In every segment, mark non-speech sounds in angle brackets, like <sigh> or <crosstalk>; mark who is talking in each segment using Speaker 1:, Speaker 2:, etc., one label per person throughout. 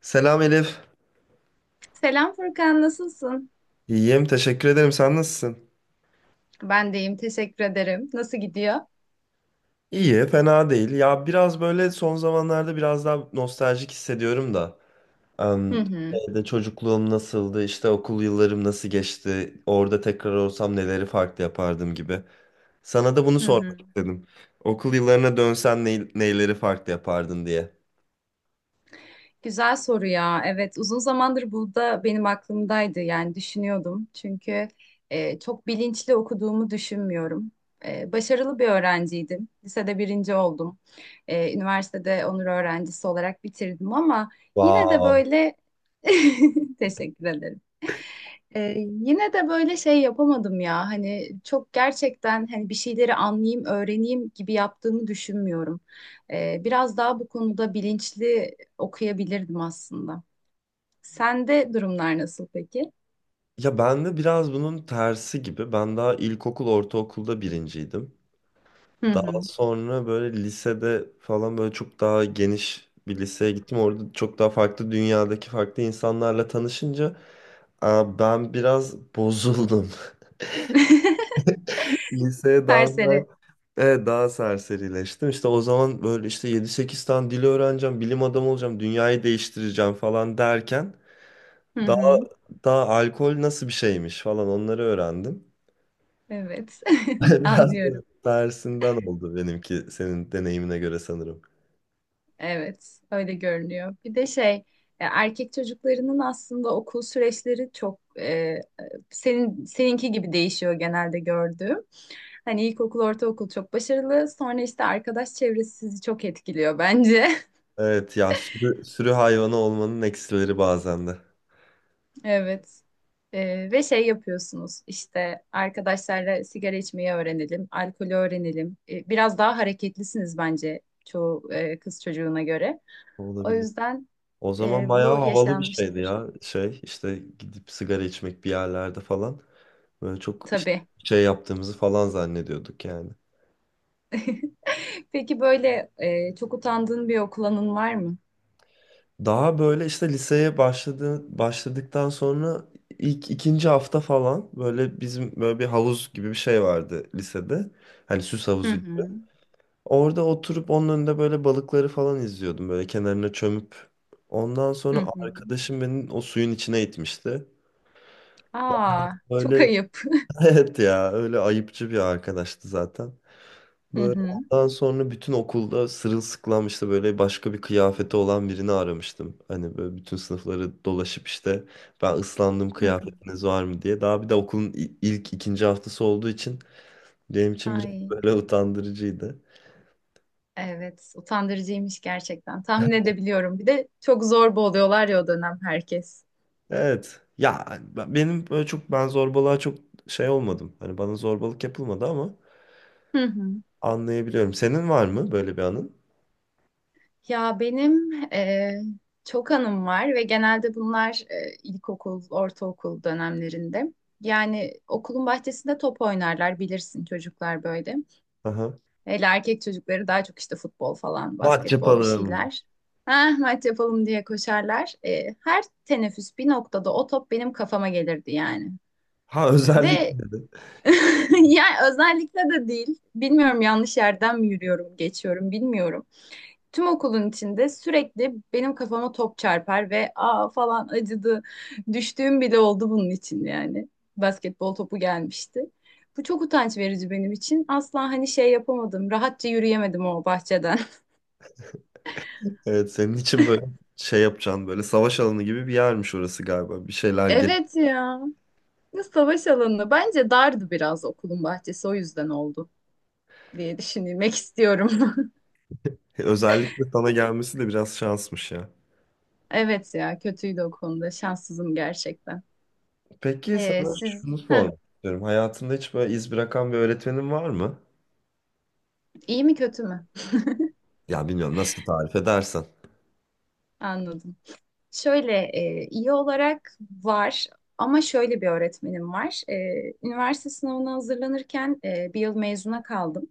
Speaker 1: Selam Elif.
Speaker 2: Selam Furkan, nasılsın?
Speaker 1: İyiyim, teşekkür ederim. Sen nasılsın?
Speaker 2: Ben deyim, teşekkür ederim. Nasıl gidiyor?
Speaker 1: İyi, fena değil. Ya biraz böyle son zamanlarda biraz daha nostaljik hissediyorum da.
Speaker 2: Hı
Speaker 1: Em,
Speaker 2: hı.
Speaker 1: şeyde çocukluğum nasıldı, işte okul yıllarım nasıl geçti, orada tekrar olsam neleri farklı yapardım gibi. Sana da bunu
Speaker 2: Hı
Speaker 1: sormak
Speaker 2: hı.
Speaker 1: istedim. Okul yıllarına dönsen neyleri farklı yapardın diye.
Speaker 2: Güzel soru ya. Evet, uzun zamandır bu da benim aklımdaydı. Yani düşünüyordum. Çünkü çok bilinçli okuduğumu düşünmüyorum. Başarılı bir öğrenciydim. Lisede birinci oldum. Üniversitede onur öğrencisi olarak bitirdim ama yine de
Speaker 1: Wow.
Speaker 2: böyle <laughs> teşekkür ederim. E, yine de böyle şey yapamadım ya. Hani çok gerçekten hani bir şeyleri anlayayım, öğreneyim gibi yaptığımı düşünmüyorum. Biraz daha bu konuda bilinçli okuyabilirdim aslında. Sende durumlar nasıl peki?
Speaker 1: Ya ben de biraz bunun tersi gibi. Ben daha ilkokul, ortaokulda birinciydim.
Speaker 2: Hı
Speaker 1: Daha
Speaker 2: hı.
Speaker 1: sonra böyle lisede falan böyle çok daha geniş bir liseye gittim. Orada çok daha farklı dünyadaki farklı insanlarla tanışınca aa, ben biraz bozuldum.
Speaker 2: <laughs>
Speaker 1: <laughs> Liseye daha biraz-
Speaker 2: Serseri.
Speaker 1: evet, daha serserileştim. İşte o zaman böyle işte yedi sekiz tane dili öğreneceğim, bilim adamı olacağım, dünyayı değiştireceğim falan derken
Speaker 2: Hı
Speaker 1: daha
Speaker 2: hı.
Speaker 1: daha alkol nasıl bir şeymiş falan onları öğrendim.
Speaker 2: Evet.
Speaker 1: <laughs>
Speaker 2: <laughs>
Speaker 1: Biraz böyle
Speaker 2: Anlıyorum.
Speaker 1: tersinden oldu benimki senin deneyimine göre sanırım.
Speaker 2: Evet, öyle görünüyor. Bir de şey, erkek çocuklarının aslında okul süreçleri çok seninki gibi değişiyor genelde gördüğüm. Hani ilkokul, ortaokul çok başarılı. Sonra işte arkadaş çevresi sizi çok etkiliyor bence. <laughs>
Speaker 1: Evet ya sürü hayvanı olmanın eksileri bazen de
Speaker 2: Evet. Ve şey yapıyorsunuz işte arkadaşlarla sigara içmeyi öğrenelim, alkolü öğrenelim. Biraz daha hareketlisiniz bence çoğu kız çocuğuna göre. O
Speaker 1: olabilir.
Speaker 2: yüzden
Speaker 1: O zaman bayağı
Speaker 2: bu
Speaker 1: havalı bir şeydi
Speaker 2: yaşanmıştır
Speaker 1: ya. Şey işte gidip sigara içmek bir yerlerde falan. Böyle çok işte
Speaker 2: tabii.
Speaker 1: şey yaptığımızı falan zannediyorduk yani.
Speaker 2: <laughs> Peki böyle çok utandığın bir okul anın var mı?
Speaker 1: Daha böyle işte liseye başladıktan sonra ilk ikinci hafta falan böyle bizim böyle bir havuz gibi bir şey vardı lisede. Hani süs
Speaker 2: Hı
Speaker 1: havuzu.
Speaker 2: hı.
Speaker 1: Orada oturup onun önünde böyle balıkları falan izliyordum. Böyle kenarına çömüp. Ondan
Speaker 2: Hı
Speaker 1: sonra
Speaker 2: hı.
Speaker 1: arkadaşım beni o suyun içine itmişti.
Speaker 2: Aa, çok
Speaker 1: Böyle
Speaker 2: ayıp.
Speaker 1: <laughs> evet ya öyle ayıpçı bir arkadaştı zaten.
Speaker 2: <laughs> Hı
Speaker 1: Böyle
Speaker 2: hı.
Speaker 1: ondan sonra bütün okulda sırılsıklam işte böyle başka bir kıyafeti olan birini aramıştım. Hani böyle bütün sınıfları dolaşıp işte ben ıslandım
Speaker 2: Hı hı.
Speaker 1: kıyafetiniz var mı diye. Daha bir de okulun ilk ikinci haftası olduğu için benim için biraz <laughs>
Speaker 2: Ay,
Speaker 1: böyle utandırıcıydı.
Speaker 2: evet, utandırıcıymış gerçekten. Tahmin edebiliyorum. Bir de çok zorba oluyorlar ya o dönem herkes.
Speaker 1: Evet. Ya benim böyle çok ben zorbalığa çok şey olmadım. Hani bana zorbalık yapılmadı ama
Speaker 2: Hı hı.
Speaker 1: anlayabiliyorum. Senin var mı böyle bir anın?
Speaker 2: Ya benim çok anım var ve genelde bunlar ilkokul, ortaokul dönemlerinde. Yani okulun bahçesinde top oynarlar bilirsin çocuklar böyle.
Speaker 1: Aha.
Speaker 2: Hele erkek çocukları daha çok işte futbol falan,
Speaker 1: Maç
Speaker 2: basketbol bir
Speaker 1: yapalım.
Speaker 2: şeyler. Ha maç yapalım diye koşarlar. Her teneffüs bir noktada o top benim kafama gelirdi yani.
Speaker 1: Ha <laughs>
Speaker 2: Ve
Speaker 1: özellikle de.
Speaker 2: <laughs> yani özellikle de değil. Bilmiyorum yanlış yerden mi yürüyorum, geçiyorum bilmiyorum. Tüm okulun içinde sürekli benim kafama top çarpar ve aa falan acıdı. Düştüğüm bile oldu bunun için yani. Basketbol topu gelmişti. Bu çok utanç verici benim için. Asla hani şey yapamadım. Rahatça yürüyemedim o bahçeden. <laughs>
Speaker 1: Evet, senin için böyle şey yapacaksın, böyle savaş alanı gibi bir yermiş orası galiba. Bir şeyler gel.
Speaker 2: Evet ya. Ne savaş alanı. Bence dardı biraz okulun bahçesi. O yüzden oldu diye düşünmek istiyorum.
Speaker 1: Özellikle sana gelmesi de biraz şansmış ya.
Speaker 2: <laughs> Evet ya kötüydü o konuda. Şanssızım gerçekten.
Speaker 1: Peki
Speaker 2: Ee,
Speaker 1: sana
Speaker 2: siz
Speaker 1: şunu
Speaker 2: Heh,
Speaker 1: sormak istiyorum. Hayatında hiç böyle iz bırakan bir öğretmenin var mı?
Speaker 2: iyi mi kötü mü?
Speaker 1: Ya bilmiyorum, nasıl tarif edersen.
Speaker 2: Anladım. Şöyle iyi olarak var ama şöyle bir öğretmenim var. Üniversite sınavına hazırlanırken bir yıl mezuna kaldım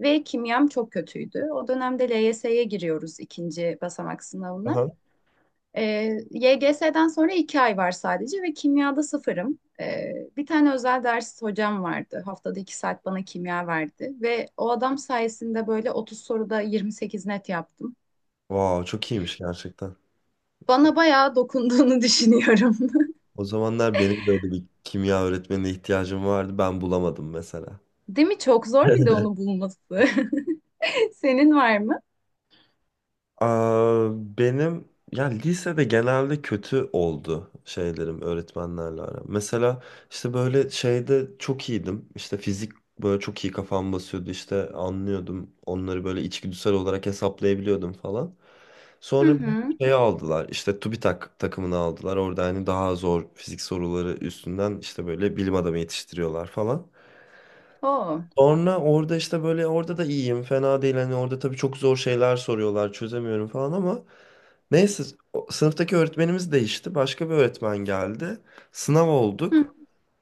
Speaker 2: ve kimyam çok kötüydü. O dönemde LYS'ye giriyoruz ikinci basamak sınavına.
Speaker 1: Aha.
Speaker 2: E, YGS'den sonra 2 ay var sadece ve kimyada sıfırım. Bir tane özel ders hocam vardı. Haftada 2 saat bana kimya verdi ve o adam sayesinde böyle 30 soruda 28 net yaptım.
Speaker 1: Wow, çok iyiymiş gerçekten.
Speaker 2: Bana bayağı dokunduğunu <laughs> düşünüyorum.
Speaker 1: O zamanlar benim böyle bir kimya öğretmenine ihtiyacım vardı. Ben bulamadım mesela.
Speaker 2: Değil mi? Çok zor bir de
Speaker 1: <laughs>
Speaker 2: onu bulması. <laughs> Senin var mı?
Speaker 1: Aa, benim ya lisede genelde kötü oldu şeylerim öğretmenlerle aram. Mesela işte böyle şeyde çok iyiydim. İşte fizik, böyle çok iyi kafam basıyordu, işte anlıyordum. Onları böyle içgüdüsel olarak hesaplayabiliyordum falan.
Speaker 2: Hı
Speaker 1: Sonra bir
Speaker 2: hı.
Speaker 1: şey aldılar, işte TÜBİTAK takımını aldılar. Orada hani daha zor fizik soruları üstünden işte böyle bilim adamı yetiştiriyorlar falan.
Speaker 2: Oo.
Speaker 1: Sonra orada işte böyle orada da iyiyim, fena değil, hani orada tabii çok zor şeyler soruyorlar, çözemiyorum falan ama neyse, sınıftaki öğretmenimiz değişti. Başka bir öğretmen geldi. Sınav olduk.
Speaker 2: Hı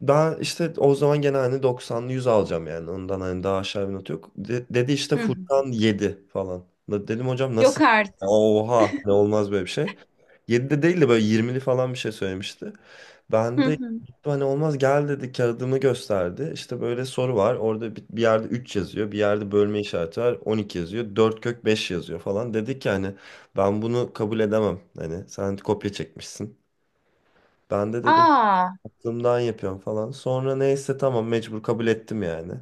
Speaker 1: Ben işte o zaman gene hani 90'lı 100 alacağım yani. Ondan hani daha aşağı bir not yok. Dedi işte
Speaker 2: hı.
Speaker 1: Furkan 7 falan. Dedim hocam
Speaker 2: Yok
Speaker 1: nasıl?
Speaker 2: artık.
Speaker 1: Oha, ne olmaz böyle bir şey. 7'de değil de böyle 20'li falan bir şey söylemişti.
Speaker 2: Hı
Speaker 1: Ben de
Speaker 2: hı.
Speaker 1: gittim hani olmaz, gel dedi, kağıdımı gösterdi. İşte böyle soru var. Orada bir yerde 3 yazıyor. Bir yerde bölme işareti var. 12 yazıyor. 4 kök 5 yazıyor falan. Dedi ki hani ben bunu kabul edemem, hani sen kopya çekmişsin. Ben de dedim
Speaker 2: Aa.
Speaker 1: aklımdan yapıyorum falan. Sonra neyse tamam, mecbur kabul ettim yani.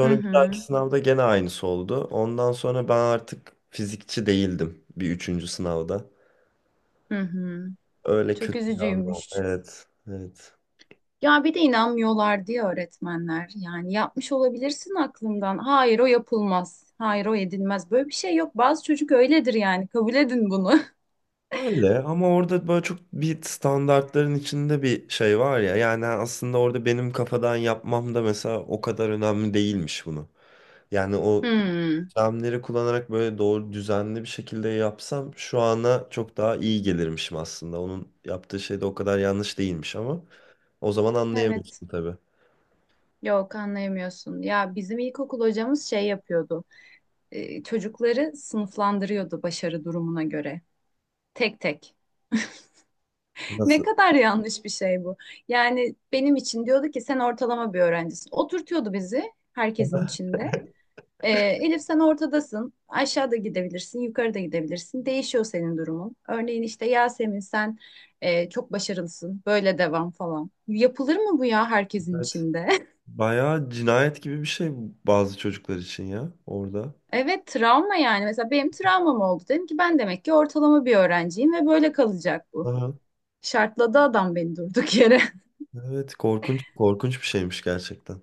Speaker 2: Hı
Speaker 1: bir
Speaker 2: hı.
Speaker 1: dahaki sınavda gene aynısı oldu. Ondan sonra ben artık fizikçi değildim bir üçüncü sınavda.
Speaker 2: Hı hı.
Speaker 1: Öyle
Speaker 2: Çok
Speaker 1: kötü bir an oldu.
Speaker 2: üzücüymüş.
Speaker 1: Evet, evet.
Speaker 2: Ya bir de inanmıyorlar diye öğretmenler. Yani yapmış olabilirsin aklımdan. Hayır o yapılmaz. Hayır o edilmez. Böyle bir şey yok. Bazı çocuk öyledir yani. Kabul edin bunu. <laughs>
Speaker 1: Öyle ama orada böyle çok bir standartların içinde bir şey var ya. Yani aslında orada benim kafadan yapmam da mesela o kadar önemli değilmiş bunu. Yani o
Speaker 2: Hmm.
Speaker 1: sistemleri kullanarak böyle doğru düzenli bir şekilde yapsam şu ana çok daha iyi gelirmişim aslında. Onun yaptığı şey de o kadar yanlış değilmiş ama o zaman
Speaker 2: Evet.
Speaker 1: anlayamıyorsun tabii.
Speaker 2: Yok anlayamıyorsun. Ya bizim ilkokul hocamız şey yapıyordu. Çocukları sınıflandırıyordu başarı durumuna göre. Tek tek. Ne
Speaker 1: Nasıl?
Speaker 2: kadar yanlış bir şey bu. Yani benim için diyordu ki sen ortalama bir öğrencisin. Oturtuyordu bizi herkesin içinde. Elif sen ortadasın. Aşağıda gidebilirsin, yukarıda gidebilirsin. Değişiyor senin durumun. Örneğin işte Yasemin sen çok başarılısın. Böyle devam falan. Yapılır mı bu ya herkesin
Speaker 1: Evet.
Speaker 2: içinde? <laughs>
Speaker 1: Bayağı cinayet gibi bir şey bazı çocuklar için ya orada.
Speaker 2: Evet travma yani. Mesela benim travmam oldu. Dedim ki ben demek ki ortalama bir öğrenciyim ve böyle kalacak bu.
Speaker 1: Aha.
Speaker 2: Şartladı adam beni durduk yere. <laughs>
Speaker 1: Evet, korkunç korkunç bir şeymiş gerçekten.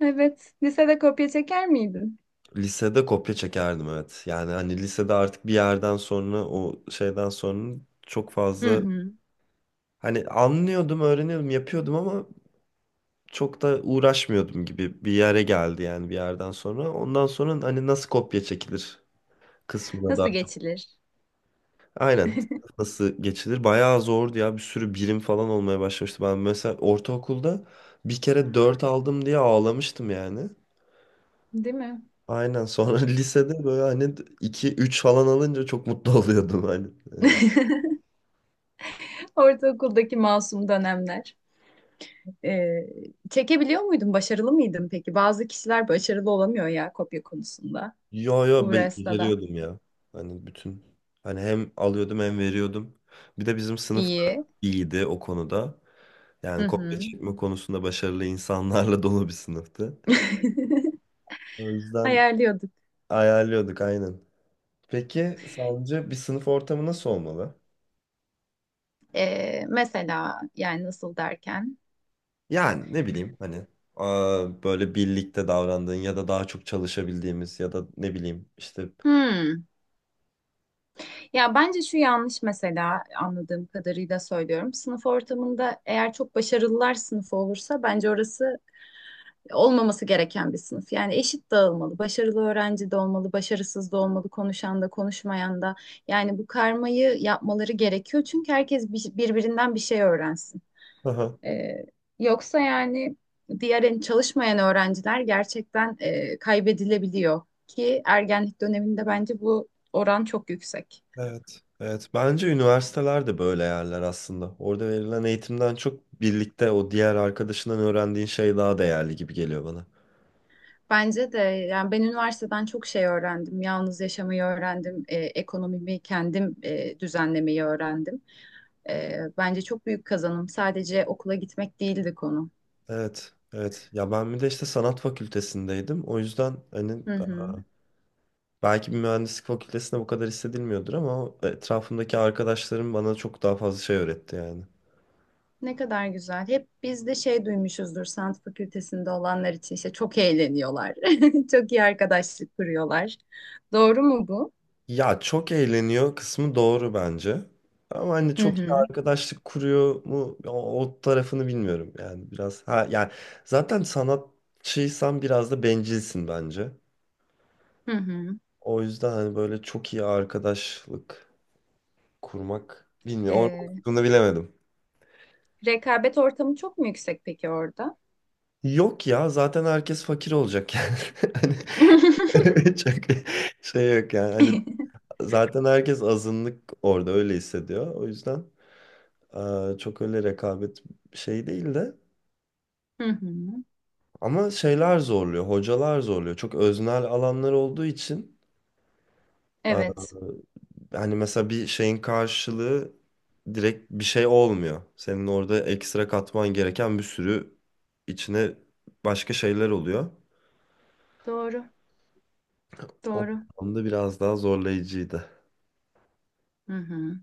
Speaker 2: Evet. Lisede kopya çeker miydin?
Speaker 1: Lisede kopya çekerdim evet. Yani hani lisede artık bir yerden sonra, o şeyden sonra çok
Speaker 2: Hı
Speaker 1: fazla
Speaker 2: hı.
Speaker 1: hani anlıyordum, öğreniyordum, yapıyordum ama çok da uğraşmıyordum gibi bir yere geldi yani bir yerden sonra. Ondan sonra hani nasıl kopya çekilir kısmına daha
Speaker 2: Nasıl
Speaker 1: çok.
Speaker 2: geçilir?
Speaker 1: Aynen. Nasıl geçilir? Bayağı zordu ya. Bir sürü birim falan olmaya başlamıştı. Ben mesela ortaokulda bir kere 4 aldım diye ağlamıştım yani.
Speaker 2: Değil mi?
Speaker 1: Aynen. Sonra <laughs> lisede böyle hani iki üç falan alınca çok mutlu <laughs> oluyordum hani.
Speaker 2: Ortaokuldaki masum dönemler. Ee, çekebiliyor muydun? Başarılı mıydın peki? Bazı kişiler başarılı olamıyor ya kopya konusunda.
Speaker 1: Yo yo,
Speaker 2: Uğraşsa da.
Speaker 1: beceriyordum ya. Hani bütün, hani hem alıyordum hem veriyordum. Bir de bizim sınıfta
Speaker 2: İyi.
Speaker 1: iyiydi o konuda.
Speaker 2: Hı
Speaker 1: Yani kopya
Speaker 2: hı.
Speaker 1: çekme konusunda başarılı insanlarla <laughs> dolu bir sınıftı. O yüzden
Speaker 2: Ayarlıyorduk.
Speaker 1: ayarlıyorduk aynen. Peki sence bir sınıf ortamı nasıl olmalı?
Speaker 2: Mesela yani nasıl derken?
Speaker 1: Yani ne bileyim hani aa, böyle birlikte davrandığın ya da daha çok çalışabildiğimiz ya da ne bileyim işte.
Speaker 2: Hmm. Ya bence şu yanlış mesela anladığım kadarıyla söylüyorum. Sınıf ortamında eğer çok başarılılar sınıfı olursa bence orası olmaması gereken bir sınıf. Yani eşit dağılmalı. Başarılı öğrenci de olmalı, başarısız da olmalı, konuşan da, konuşmayan da. Yani bu karmayı yapmaları gerekiyor. Çünkü herkes birbirinden bir şey öğrensin.
Speaker 1: Aha,
Speaker 2: Ee, yoksa yani diğer çalışmayan öğrenciler gerçekten kaybedilebiliyor ki ergenlik döneminde bence bu oran çok yüksek.
Speaker 1: evet. Evet. Bence üniversiteler de böyle yerler aslında. Orada verilen eğitimden çok birlikte o diğer arkadaşından öğrendiğin şey daha değerli gibi geliyor bana.
Speaker 2: Bence de yani ben üniversiteden çok şey öğrendim. Yalnız yaşamayı öğrendim, ekonomimi kendim düzenlemeyi öğrendim. Bence çok büyük kazanım. Sadece okula gitmek değildi konu.
Speaker 1: Evet, evet. Ya ben bir de işte sanat fakültesindeydim. O yüzden hani
Speaker 2: Hı hı.
Speaker 1: belki bir mühendislik fakültesinde bu kadar hissedilmiyordur ama o etrafımdaki arkadaşlarım bana çok daha fazla şey öğretti yani.
Speaker 2: Ne kadar güzel. Hep biz de şey duymuşuzdur sanat fakültesinde olanlar için işte çok eğleniyorlar. <laughs> Çok iyi arkadaşlık kuruyorlar. Doğru mu bu?
Speaker 1: Ya çok eğleniyor kısmı doğru bence. Ama hani
Speaker 2: Hı
Speaker 1: çok iyi
Speaker 2: hı.
Speaker 1: arkadaşlık kuruyor mu, o tarafını bilmiyorum yani biraz. Ha yani zaten sanatçıysan biraz da bencilsin bence.
Speaker 2: Hı hı.
Speaker 1: O yüzden hani böyle çok iyi arkadaşlık kurmak, bilmiyorum, o
Speaker 2: E,
Speaker 1: kısmını bilemedim.
Speaker 2: rekabet ortamı çok mu yüksek peki orada?
Speaker 1: Yok ya, zaten herkes fakir olacak yani. <laughs>
Speaker 2: <laughs>
Speaker 1: Hani <laughs> çok şey yok yani. Hani zaten herkes azınlık orada öyle hissediyor. O yüzden çok öyle rekabet şey değil de
Speaker 2: Hı hı.
Speaker 1: ama şeyler zorluyor, hocalar zorluyor. Çok öznel alanlar olduğu için eee,
Speaker 2: Evet,
Speaker 1: hani mesela bir şeyin karşılığı direkt bir şey olmuyor. Senin orada ekstra katman gereken bir sürü içine başka şeyler oluyor.
Speaker 2: doğru.
Speaker 1: O
Speaker 2: Doğru.
Speaker 1: anlamda biraz daha zorlayıcıydı.
Speaker 2: Hı hı.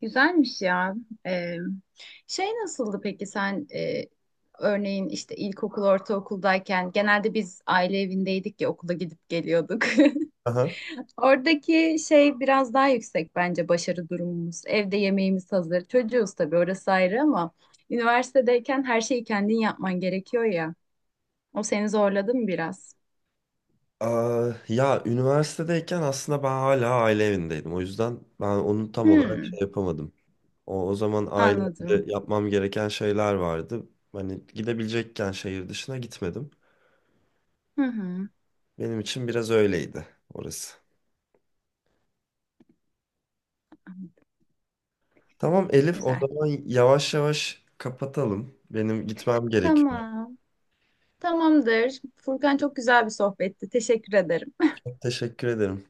Speaker 2: Güzelmiş ya. Ee, şey nasıldı peki sen örneğin işte ilkokul, ortaokuldayken genelde biz aile evindeydik ya okula gidip geliyorduk.
Speaker 1: Aha.
Speaker 2: <laughs> Oradaki şey biraz daha yüksek bence başarı durumumuz. Evde yemeğimiz hazır. Çocuğuz tabii orası ayrı ama üniversitedeyken her şeyi kendin yapman gerekiyor ya. O seni zorladı mı biraz?
Speaker 1: Aa, ya üniversitedeyken aslında ben hala aile evindeydim. O yüzden ben onu tam olarak şey
Speaker 2: Hmm,
Speaker 1: yapamadım. O zaman ailemde
Speaker 2: anladım.
Speaker 1: yapmam gereken şeyler vardı. Hani gidebilecekken şehir dışına gitmedim.
Speaker 2: Hı hı.
Speaker 1: Benim için biraz öyleydi orası. Tamam Elif, o
Speaker 2: Güzel.
Speaker 1: zaman yavaş yavaş kapatalım. Benim gitmem gerekiyor.
Speaker 2: Tamam. Tamamdır. Furkan çok güzel bir sohbetti. Teşekkür ederim.
Speaker 1: Teşekkür ederim.